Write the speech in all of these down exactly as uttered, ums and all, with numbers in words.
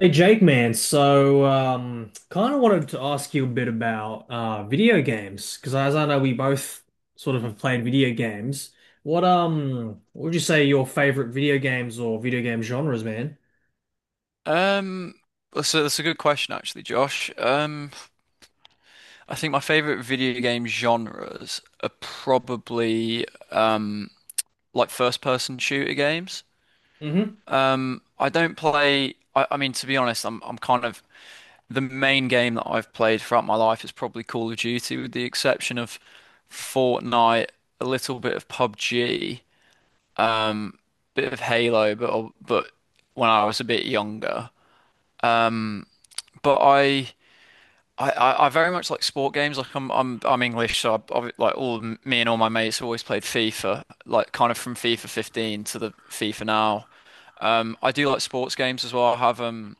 Hey Jake, man. So, um, kind of wanted to ask you a bit about uh, video games because, as I know, we both sort of have played video games. What um, what would you say your favorite video games or video game genres, man? Um, that's a, that's a good question, actually, Josh. Um, I think my favorite video game genres are probably um, like first-person shooter games. Mm-hmm. I don't play. I, I mean, to be honest, I'm I'm kind of the main game that I've played throughout my life is probably Call of Duty, with the exception of Fortnite, a little bit of P U B G, bit of Halo, but but when I was a bit younger. But I I, I, I very much like sport games. Like I'm I'm I'm English, so I, I like all me and all my mates have always played FIFA. Like kind of from FIFA fifteen to the FIFA now. Um, I do like sports games as well. I have um,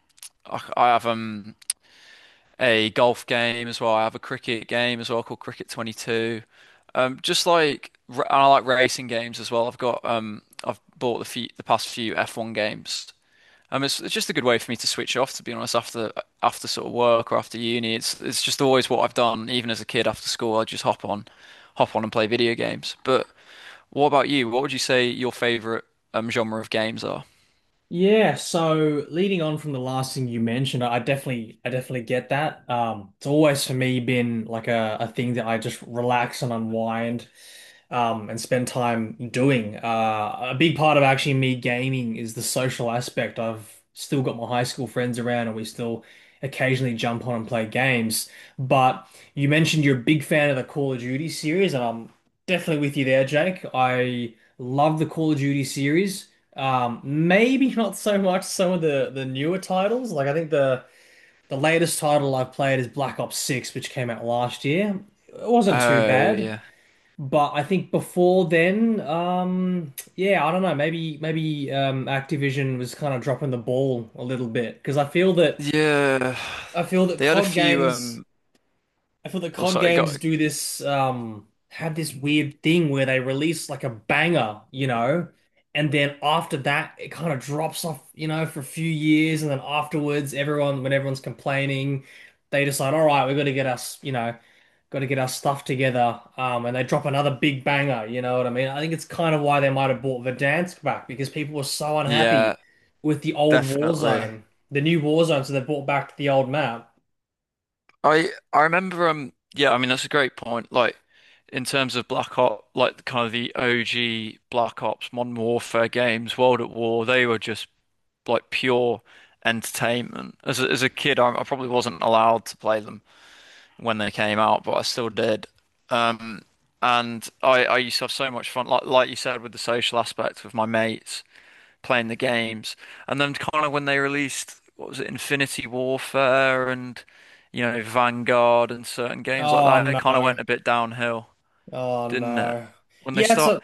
I, I have um a golf game as well. I have a cricket game as well called Cricket twenty-two. Um, just like r- and I like racing games as well. I've got um I've bought the few, the past few F one games. Um, it's, it's just a good way for me to switch off, to be honest, after after sort of work or after uni. It's it's just always what I've done, even as a kid after school. I just hop on, hop on and play video games. But what about you? What would you say your favorite um genre of games are? Yeah, so leading on from the last thing you mentioned, I definitely I definitely get that. Um, it's always for me been like a, a thing that I just relax and unwind um, and spend time doing. Uh, a big part of actually me gaming is the social aspect. I've still got my high school friends around, and we still occasionally jump on and play games. But you mentioned you're a big fan of the Call of Duty series, and I'm definitely with you there, Jake. I love the Call of Duty series. Um, maybe not so much some of the the newer titles. Like I think the the latest title I've played is Black Ops six, which came out last year. It wasn't too Oh bad. yeah, But I think before then, um, yeah, I don't know. Maybe maybe um, Activision was kind of dropping the ball a little bit because I feel yeah. that I They feel had a that COD few. games. Um, I feel that oh C O D sorry, games got do this um have this weird thing where they release like a banger, you know, and then after that it kind of drops off, you know, for a few years, and then afterwards everyone when everyone's complaining, they decide, all right, we've got to get us, you know, got to get our stuff together, um, and they drop another big banger, you know what I mean? I think it's kind of why they might have bought Verdansk back because people were so unhappy yeah, with the old definitely. Warzone, the new Warzone, so they brought back the old map. I I remember um yeah, I mean that's a great point, like in terms of Black Ops, like kind of the O G Black Ops Modern Warfare games, World at War, they were just like pure entertainment. As a, as a kid I, I probably wasn't allowed to play them when they came out, but I still did. um and I I used to have so much fun, like like you said, with the social aspect, with my mates playing the games. And then kind of when they released, what was it, Infinity Warfare and, you know, Vanguard and certain games like Oh that, it no. kind of went a bit downhill, Oh didn't it? no. When they Yeah, it's start, a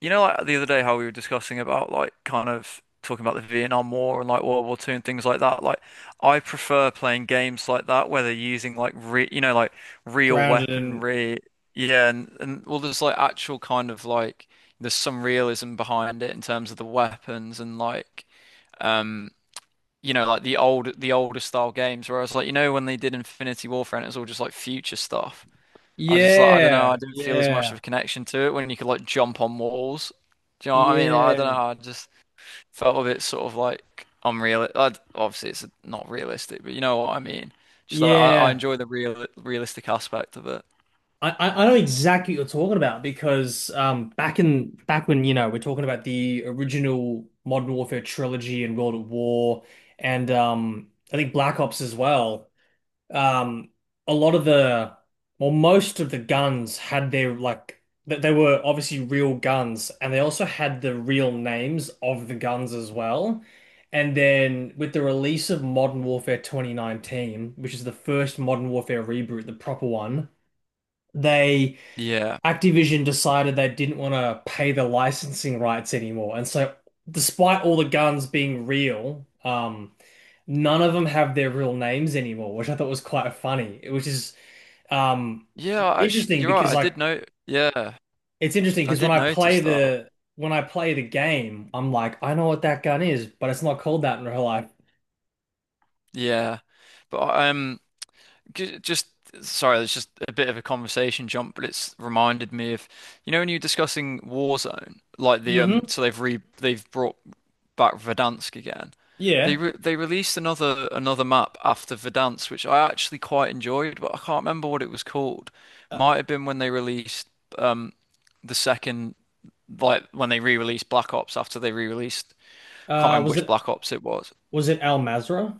you know, like the other day how we were discussing about, like, kind of talking about the Vietnam War and like World War Two and things like that. Like, I prefer playing games like that where they're using like re, you know, like real grounded in weaponry. Yeah, and, and well, there's like actual kind of like there's some realism behind it in terms of the weapons and like um, you know, like the old the older style games where I was like, you know, when they did Infinity Warfare and it was all just like future stuff. I was just like, I don't know, I Yeah, didn't feel as much of yeah, a connection to it when you could like jump on walls. Do you know what I mean? Like, I don't yeah, know, I just felt a bit sort of like unreal. I'd, obviously, it's not realistic, but you know what I mean. Just like I, I yeah. enjoy the real realistic aspect of it. I, I I know exactly what you're talking about because um back in back when you know we're talking about the original Modern Warfare trilogy and World at War and um I think Black Ops as well. um, a lot of the, well, most of the guns had their like that they were obviously real guns, and they also had the real names of the guns as well. And then with the release of Modern Warfare twenty nineteen, which is the first Modern Warfare reboot, the proper one, they Yeah, Activision decided they didn't want to pay the licensing rights anymore. And so, despite all the guns being real, um, none of them have their real names anymore, which I thought was quite funny, which is um, yeah, I actu- interesting you're because right. I like did know. Yeah, it's interesting I because when did I play notice that. the when I play the game, I'm like, I know what that gun is, but it's not called that in real life. Yeah, but I- um. Ju- Just sorry, it's just a bit of a conversation jump, but it's reminded me of, you know, when you are discussing Warzone, like the um, Hmm. so they've re they've brought back Verdansk again. They Yeah. re they released another another map after Verdansk, which I actually quite enjoyed, but I can't remember what it was called. Uh, Might have been when they released um the second, like when they re-released Black Ops after they re-released. I can't uh, remember was which it Black Ops it was. was it Al Mazra?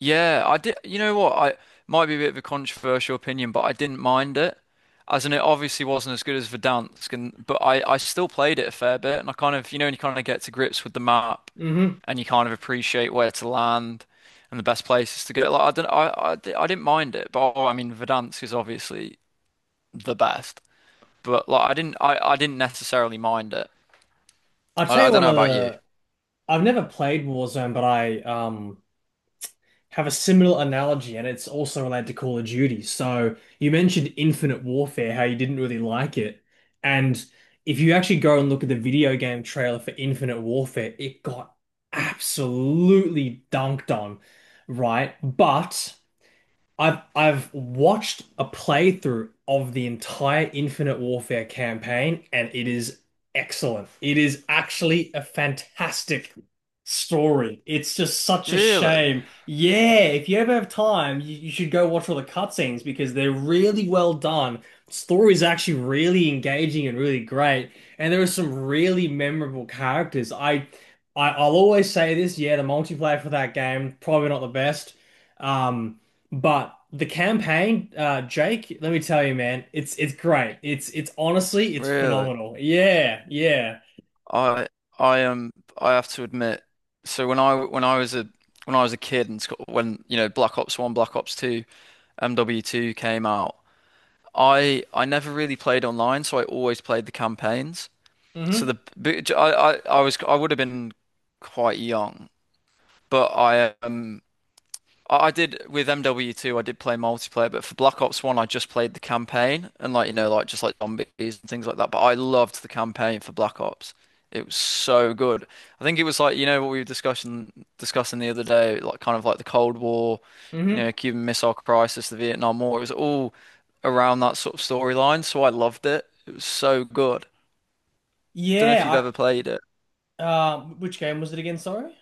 Yeah, I did. You know what? I might be a bit of a controversial opinion, but I didn't mind it, as in it obviously wasn't as good as Verdansk, and but I I still played it a fair bit, and I kind of, you know, when you kind of get to grips with the map, Hmm. and you kind of appreciate where to land and the best places to get. Like I don't, I I, di- I didn't mind it, but oh, I mean Verdansk is obviously the best, but like I didn't I I didn't necessarily mind it. I'll I tell I you don't one know of about you. the I've never played Warzone, but I um have a similar analogy, and it's also related to Call of Duty. So you mentioned Infinite Warfare, how you didn't really like it. And if you actually go and look at the video game trailer for Infinite Warfare, it got absolutely dunked on, right? But I've I've watched a playthrough of the entire Infinite Warfare campaign, and it is excellent. It is actually a fantastic story. It's just such a Really, shame. Yeah, if you ever have time, you, you should go watch all the cutscenes because they're really well done. Story is actually really engaging and really great, and there are some really memorable characters. I, I I'll always say this. Yeah, the multiplayer for that game probably not the best. Um, but the campaign, uh, Jake, let me tell you, man, it's it's great. It's it's honestly, it's really. phenomenal. Yeah, yeah. I I am I have to admit, so when I when I was a when I was a kid and Scot- when, you know, Black Ops one, Black Ops two, M W two came out, I I never really played online, so I always played the campaigns. So Hmm. the but I I, I was, I would have been quite young, but I um I I did with M W two, I did play multiplayer, but for Black Ops one, I just played the campaign and, like, you know, like just like zombies and things like that. But I loved the campaign for Black Ops. It was so good. I think it was like, you know, what we were discussing discussing the other day, like kind of like the Cold War, you know, Hmm. Cuban Missile Crisis, the Vietnam War. It was all around that sort of storyline, so I loved it. It was so good. Don't know if you've Yeah, ever played it, I um which game was it again, sorry?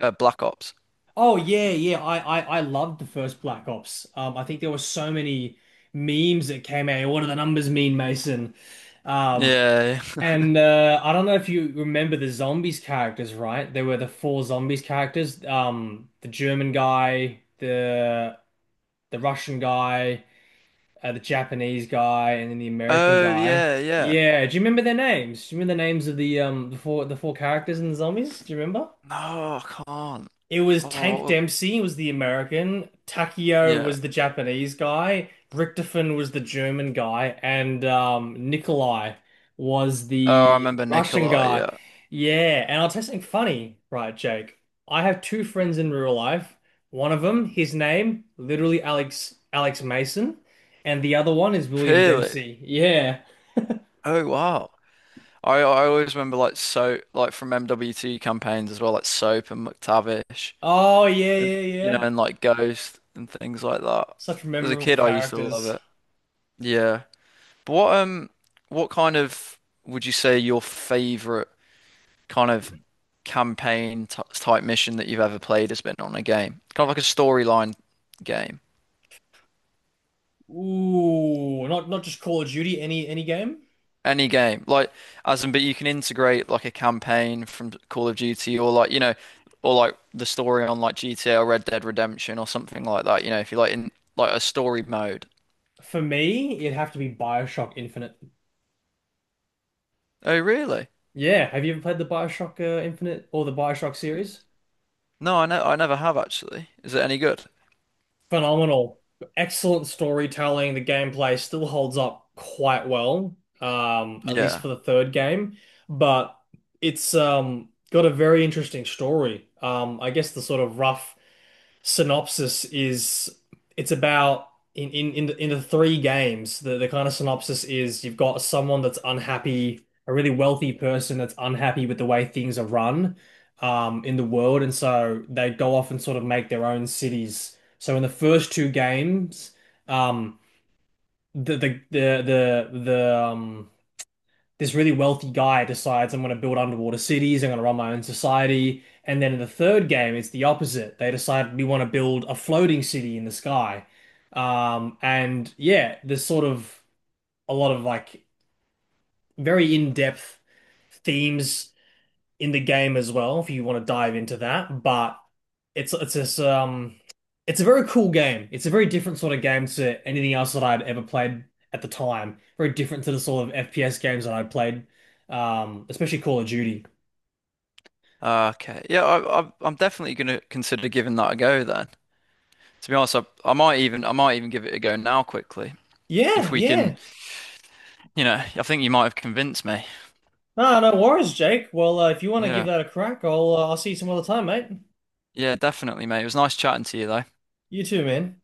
uh, Black Ops. Oh yeah, yeah. I, I I loved the first Black Ops. Um, I think there were so many memes that came out. What do the numbers mean, Mason? Um, Yeah. and uh, I don't know if you remember the zombies characters, right? There were the four zombies characters. Um, the German guy, the the Russian guy, uh, the Japanese guy, and then the American Oh guy. yeah, yeah. Yeah, do you remember their names? Do you remember the names of the um the four the four characters in the zombies? Do you remember? No, I can't. It was Tank Oh, Dempsey was the American, Takeo yeah. was the Japanese guy, Richtofen was the German guy, and um, Nikolai was Oh, I the remember Russian Nikolai. guy. Yeah. Yeah, and I'll tell you something funny, right, Jake? I have two friends in real life. One of them, his name, literally Alex Alex Mason, and the other one is William Really? Dempsey. Yeah. Oh, wow. I I always remember, like, so like from M W T campaigns as well, like Soap and McTavish, Oh yeah, and yeah, you know, yeah. and like Ghost and things like that. Such As a memorable kid, I used to love characters. it. Yeah. But what um what kind of would you say your favorite kind of campaign t type mission that you've ever played has been on a game? Kind of like a storyline game. Ooh, not not just Call of Duty, any any game? Any game, like, as in, but you can integrate like a campaign from Call of Duty or, like, you know, or like the story on like G T A or Red Dead Redemption or something like that. You know, if you like in like a story mode. For me, it'd have to be BioShock Infinite. Oh, really? Yeah, have you ever played the BioShock uh, Infinite or the BioShock series? No, I know, I never have actually. Is it any good? Phenomenal. Excellent storytelling. The gameplay still holds up quite well, um, at least Yeah. for the third game, but it's um, got a very interesting story. Um, I guess the sort of rough synopsis is it's about in in in the, in the three games the, the kind of synopsis is you've got someone that's unhappy, a really wealthy person that's unhappy with the way things are run um in the world, and so they go off and sort of make their own cities. So in the first two games um the the the the, the um this really wealthy guy decides I'm going to build underwater cities, I'm going to run my own society. And then in the third game, it's the opposite. They decide we want to build a floating city in the sky. Um, and yeah, there's sort of a lot of like very in-depth themes in the game as well if you want to dive into that. But it's it's this um it's a very cool game. It's a very different sort of game to anything else that I'd ever played at the time. Very different to the sort of F P S games that I'd played, um, especially Call of Duty. Ah, okay. Yeah, I, I, I'm definitely gonna consider giving that a go then. To be honest, I, I might even I might even give it a go now quickly Yeah, if we can. yeah. You know, I think you might have convinced me. No, no worries, Jake. Well, uh, if you want to give Yeah. that a crack, I'll uh, I'll see you some other time, mate. Yeah, definitely, mate. It was nice chatting to you though. You too, man.